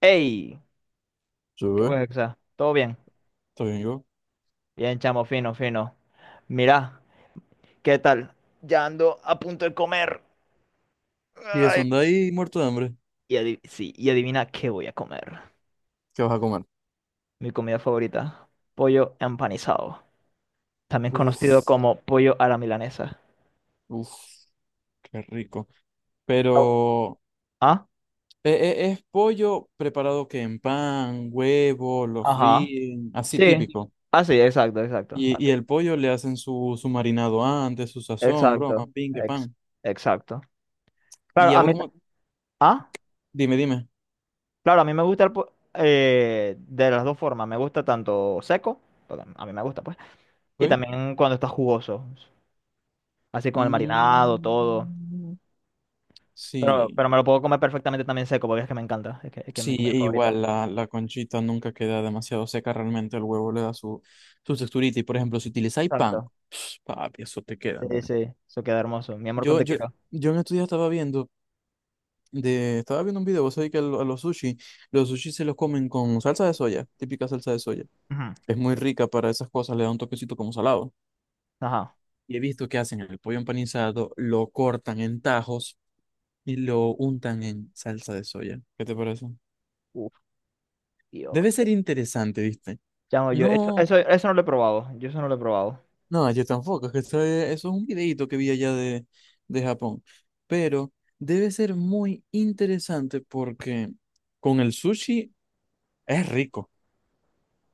¡Ey! Sí, ¿Qué fue, güey, Hexa? ¿Todo bien? está bien, yo. Bien, chamo, fino, fino. Mirá, ¿qué tal? Ya ando a punto de comer. Y eso, Ay. anda ahí muerto de hambre. Sí, y adivina qué voy a comer. ¿Qué vas a comer? Mi comida favorita, pollo empanizado, también Uf, conocido como pollo a la milanesa. uf, qué rico. Oh. Pero, ¿Ah? Es pollo preparado que en pan, huevo, lo Ajá. fríen, así Sí. típico? Ah, sí, exacto, exacto. Y, Así. y el pollo le hacen su marinado antes, su sazón, broma, Exacto. pingue, pan. Exacto. Y Claro, ya a vos mí... ta- como, ¿Ah? dime, dime. Claro, a mí me gusta el de las dos formas. Me gusta tanto seco, porque a mí me gusta, pues. Y ¿Ok? también cuando está jugoso, así con el marinado, todo. Mm, Pero, sí. pero me lo puedo comer perfectamente también seco, porque es que me encanta, es que es mi Sí, comida e favorita. igual la conchita nunca queda demasiado seca, realmente el huevo le da su texturita. Y por ejemplo, si utilizáis pan, Exacto. pues, papi, eso te queda, Sí, mira. sí, eso queda hermoso. Mi amor, con Yo, te yo, quiero. yo en estos días estaba viendo, estaba viendo un video, vos sabés que a los sushi se los comen con salsa de soya, típica salsa de soya. Ujú. Es muy rica para esas cosas, le da un toquecito como salado. Ajá. Y he visto que hacen el pollo empanizado, lo cortan en tajos y lo untan en salsa de soya. ¿Qué te parece? Uf, Debe Dios. ser interesante, ¿viste? Chamo, yo No. Eso no lo he probado, yo eso no lo he probado. No, yo tampoco, es que eso es un videíto que vi allá de Japón. Pero debe ser muy interesante porque con el sushi es rico.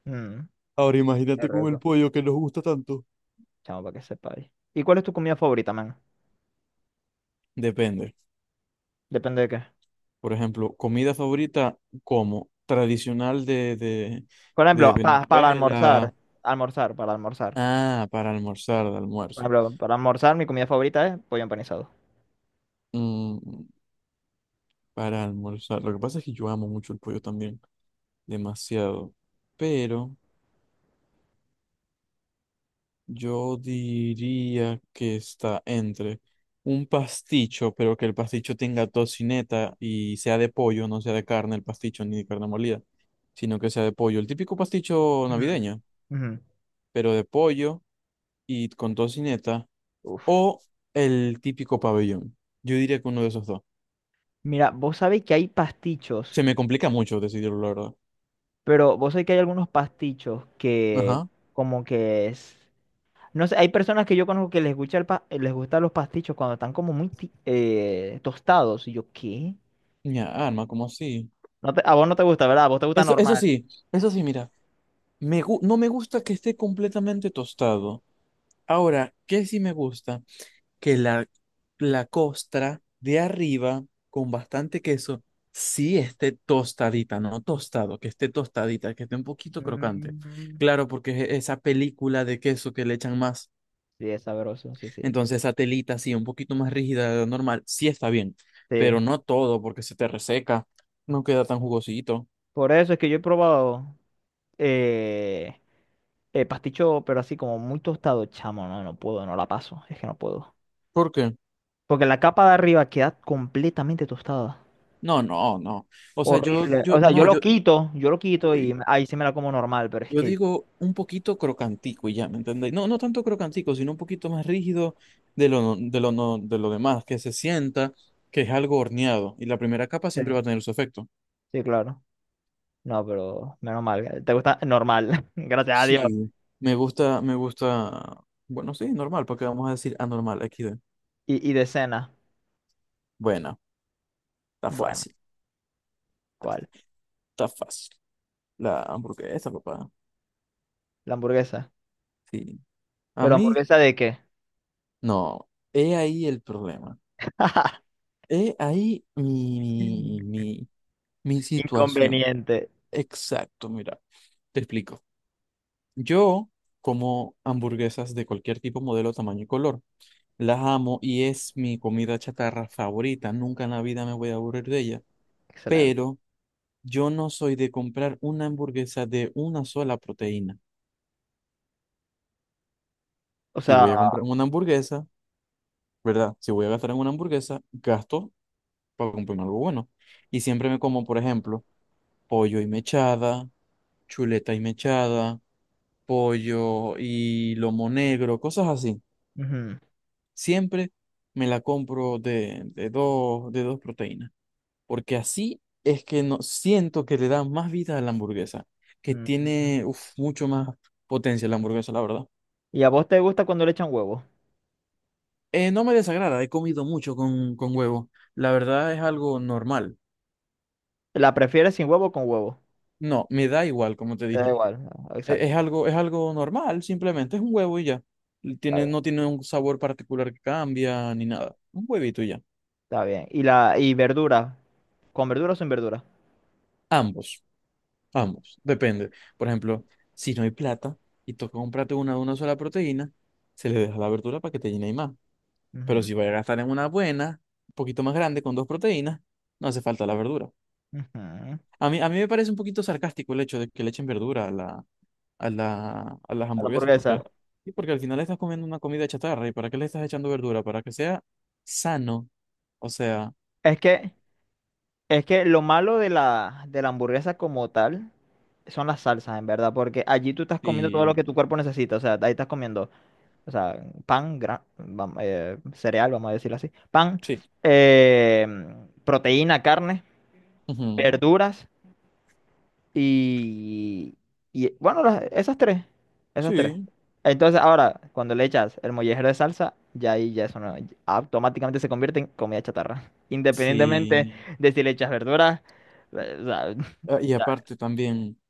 Mm, Ahora qué imagínate con el rico. pollo que nos gusta tanto. Chamo, para que sepáis. ¿Y cuál es tu comida favorita, man? Depende. Depende de qué. Por ejemplo, comida favorita como tradicional de, de, Por de ejemplo, para almorzar, Venezuela. Para almorzar. Ah, para almorzar, de Por almuerzo. ejemplo, para almorzar mi comida favorita es pollo empanizado. Mm, para almorzar. Lo que pasa es que yo amo mucho el pollo también, demasiado. Pero yo diría que está entre un pasticho, pero que el pasticho tenga tocineta y sea de pollo, no sea de carne el pasticho ni de carne molida, sino que sea de pollo. El típico pasticho Ujú. navideño, Ujú. pero de pollo y con tocineta, Uf. o el típico pabellón. Yo diría que uno de esos dos. Mira, vos sabés que hay pastichos, Se me complica mucho decidirlo, la verdad. pero vos sabés que hay algunos pastichos que Ajá. como que es... No sé, hay personas que yo conozco que les gusta el les gustan los pastichos cuando están como muy tostados. Y yo, ¿qué? Mi arma, ¿como así? A vos no te gusta, ¿verdad? A vos te gusta Eso, normal. Eso sí, mira. No me gusta que esté completamente tostado. Ahora, ¿qué sí me gusta? Que la costra de arriba, con bastante queso, sí esté tostadita, no tostado, que esté tostadita, que esté un poquito crocante. Mm, Claro, porque esa película de queso que le echan más, sí, es sabroso, sí, sí. entonces esa telita así, un poquito más rígida de lo normal, sí está bien, Sí. pero no todo, porque se te reseca, no queda tan jugosito. Por eso es que yo he probado eh, pasticho, pero así como muy tostado, chamo. No, no puedo, no la paso. Es que no puedo. ¿Por qué? Porque la capa de arriba queda completamente tostada. No, no, no. O sea, yo, Horrible. yo, O sea, no, yo, yo lo quito y uy. ahí sí me da como normal, pero es Yo que... digo un poquito crocantico y ya, ¿me entendéis? No, no tanto crocantico, sino un poquito más rígido de lo, no- de lo, no- de lo demás, que se sienta que es algo horneado y la primera capa Sí, siempre va a tener su efecto. sí, claro. No, pero menos mal. ¿Te gusta? Normal. Gracias a Dios. Sí. Me gusta, bueno, sí, normal, porque vamos a decir anormal, XD. Y de cena. Bueno, está Bueno, fácil, ¿cuál? está fácil. La hamburguesa, papá. La hamburguesa. Sí. A ¿Pero mí, hamburguesa de qué? no. He ahí el problema. He ahí mi situación. Inconveniente. Exacto, mira, te explico. Yo como hamburguesas de cualquier tipo, modelo, tamaño y color. Las amo y es mi comida chatarra favorita. Nunca en la vida me voy a aburrir de ella. Excelente. Pero yo no soy de comprar una hamburguesa de una sola proteína. O Si voy sea... a comprar una hamburguesa, ¿verdad? Si voy a gastar en una hamburguesa, gasto para comprarme algo bueno. Y siempre me como, por ejemplo, pollo y mechada, chuleta y mechada, pollo y lomo negro, cosas así. Ujú, Siempre me la compro de dos, de dos proteínas, porque así es que no, siento que le da más vida a la hamburguesa, que ujú. tiene uf, mucho más potencia la hamburguesa, la verdad. ¿Y a vos te gusta cuando le echan huevo? No me desagrada, he comido mucho con huevo. La verdad es algo normal. ¿La prefieres sin huevo o con huevo? No, me da igual, como te Te da dije. igual. No, E- Es, exacto. algo, es algo normal, simplemente es un huevo y ya. Está Tiene, bien. no tiene un sabor particular que cambia ni nada. Un huevito y ya. Está bien. ¿Y la y verdura? ¿Con verdura o sin verdura? Ambos. Ambos, depende. Por ejemplo, si no hay plata y toca comprarte una de una sola proteína, se le deja la verdura para que te llene y más. Pero Ujú, si vas a gastar en una buena, un poquito más grande, con dos proteínas, no hace falta la verdura. ujú. A mí me parece un poquito sarcástico el hecho de que le echen verdura a a las A la hamburguesas, hamburguesa. porque, porque al final estás comiendo una comida chatarra. ¿Y para qué le estás echando verdura? Para que sea sano. O sea, Es que, es que lo malo de de la hamburguesa como tal son las salsas, en verdad, porque allí tú estás comiendo todo lo que sí, tu cuerpo necesita. O sea, ahí estás comiendo, o sea, pan, cereal, vamos a decirlo así, pan, sí. eh, proteína, carne, Ujú, verduras. Y, y bueno, esas tres, esas tres. sí, Entonces, ahora, cuando le echas el mollejero de salsa, ya ahí ya eso no, automáticamente se convierte en comida chatarra. Independientemente sí. de si le echas verduras, o sea, Ah, y ya, aparte también.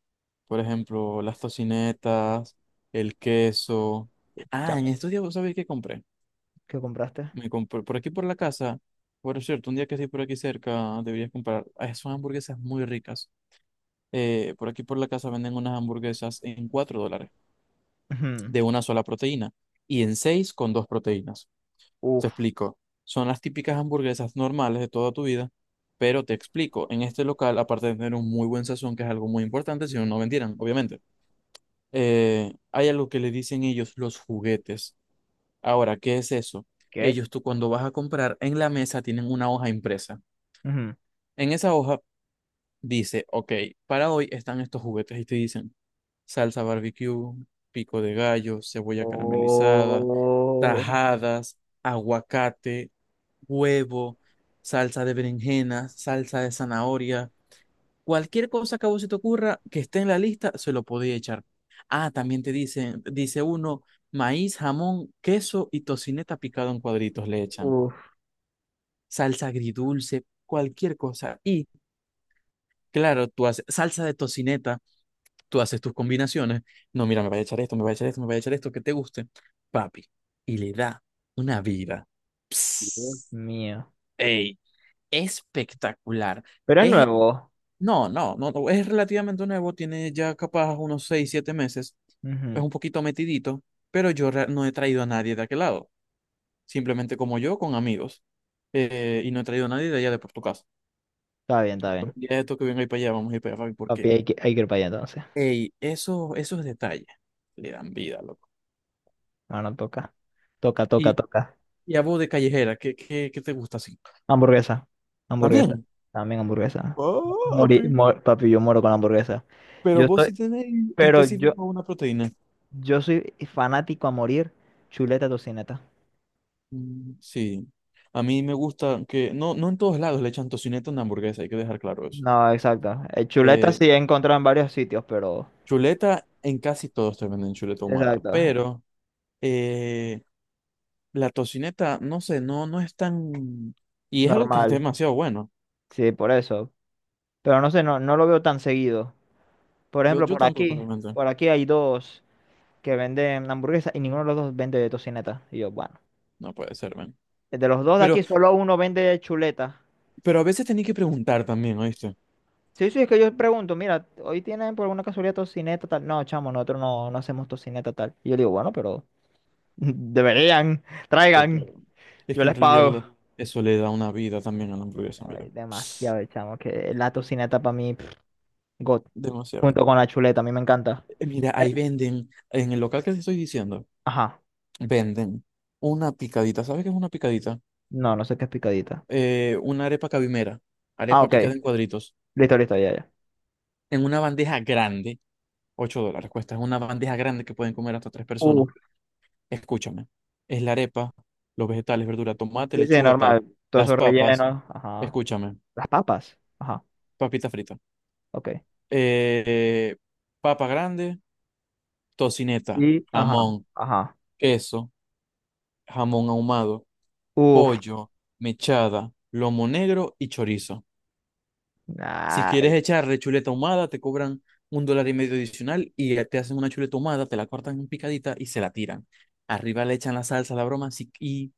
Por ejemplo, las tocinetas, el queso. Ah, en chamo, estos días, ¿vos sabés qué compré? ¿qué compraste? Me compré por aquí por la casa. Por cierto, un día que estés por aquí cerca, deberías comprar. Ah, son hamburguesas muy ricas. Por aquí por la casa venden unas hamburguesas en $4 Ujú. de una sola proteína y en 6 con dos proteínas. Te Uf, explico. Son las típicas hamburguesas normales de toda tu vida, pero te explico. En este local, aparte de tener un muy buen sazón, que es algo muy importante, si no, no vendieran, obviamente, hay algo que le dicen ellos los juguetes. Ahora, ¿qué es eso? ¿qué? Ellos, tú cuando vas a comprar, en la mesa tienen una hoja impresa. Ujú. En esa hoja dice, ok, para hoy están estos juguetes y te dicen salsa barbecue, pico de gallo, cebolla caramelizada, Oh, tajadas, aguacate, huevo, salsa de berenjena, salsa de zanahoria. Cualquier cosa que a vos se te ocurra que esté en la lista, se lo podéis echar. Ah, también te dicen, dice uno, maíz, jamón, queso y tocineta picado en cuadritos le echan. uf, Salsa agridulce, cualquier cosa. Y claro, tú haces salsa de tocineta, tú haces tus combinaciones. No, mira, me voy a echar esto, me voy a echar esto, me voy a echar esto, que te guste. Papi, y le da una vida. Dios Psst, mío. ey, espectacular. Pero es Es nuevo. No, no, no, no, es relativamente nuevo, tiene ya capaz unos 6, 7 meses, es Ujú. un poquito metidito, pero yo no he traído a nadie de aquel lado, simplemente como yo, con amigos, y no he traído a nadie de allá de por tu casa. Está bien, está bien. Ya esto que venga ahí para allá, vamos a ir para allá, Fabi, Papi, porque, hay que ir para allá entonces. ey, esos detalles le dan vida, loco. No, no toca. Toca, toca, Y, toca. y a vos de callejera, ¿qué te gusta así? Hamburguesa, hamburguesa, También. también hamburguesa. Papi, Papi, yo muero con la hamburguesa. pero Yo vos soy, sí tenés pero yo, específico una proteína. yo soy fanático a morir, chuleta tocineta. Mm, sí, a mí me gusta que no en todos lados le echan tocineta a una hamburguesa, hay que dejar claro eso. No, exacto. Chuleta Eh, sí he encontrado en varios sitios, pero Chuleta, en casi todos te venden chuleta ahumada, exacto, pero eh, la tocineta, no sé, no es tan... Y es algo que es normal. demasiado bueno. Sí, por eso. Pero no sé, no, no lo veo tan seguido. Por Yo, ejemplo, yo tampoco realmente. por aquí hay dos que venden hamburguesas y ninguno de los dos vende de tocineta. Y yo, bueno, No puede ser, ven. de los dos de Pero, aquí, solo uno vende de chuleta. pero a veces tenía que preguntar también, ¿oíste? Sí, sí, es que yo pregunto, mira, hoy tienen por alguna casualidad tocineta tal. No, chamo, nosotros no, no hacemos tocineta tal. Y yo digo, bueno, pero deberían, Qué traigan, pedo. Es yo que en les realidad pago. Eso le da una vida también a la hamburguesa, mira. Ay, demasiado, chamo, que la tocineta para mí, pff, God, Demasiado. junto con la chuleta, a mí me encanta. Mira, ahí Eh, venden, en el local que te estoy diciendo. Ajá, Venden una picadita. ¿Sabes qué es una picadita? no, no sé qué es picadita. Una arepa cabimera. Ah, Arepa ok, picada en cuadritos. listo, listo, ya, ya. En una bandeja grande. $8 cuesta. Es una bandeja grande que pueden comer hasta tres personas. Uf, Escúchame. Es la arepa, los vegetales, verdura, tomate, sí, sí, lechuga, tal. normal, todo Las eso papas. relleno, ajá. Escúchame. Las papas, ajá, Papita frita. ok. eh, Papa grande, tocineta, Y, ajá, jamón, ajá. queso, jamón ahumado, Uf, pollo, mechada, lomo negro y chorizo. Si quieres ay, echarle chuleta ahumada, te cobran un dólar y medio adicional y te hacen una chuleta ahumada, te la cortan en picadita y se la tiran. Arriba le echan la salsa, la broma si- y,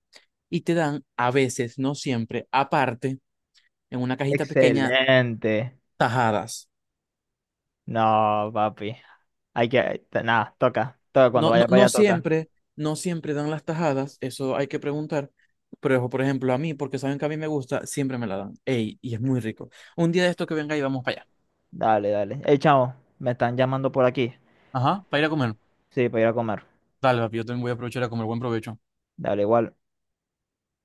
y te dan, a veces, no siempre, aparte, en una cajita pequeña, excelente. tajadas. No, papi. Hay que. Nada, toca. Toca, cuando No, no, vaya para no allá toca. siempre, no siempre dan las tajadas, eso hay que preguntar. Pero, por ejemplo, a mí, porque saben que a mí me gusta, siempre me la dan. Ey, y es muy rico. Un día de esto que venga y vamos para allá. Dale, dale. Hey, chamo, me están llamando por aquí. Ajá, para ir a comer. Sí, para ir a comer. Dale, papi, yo también voy a aprovechar a comer. Buen provecho. Dale, igual.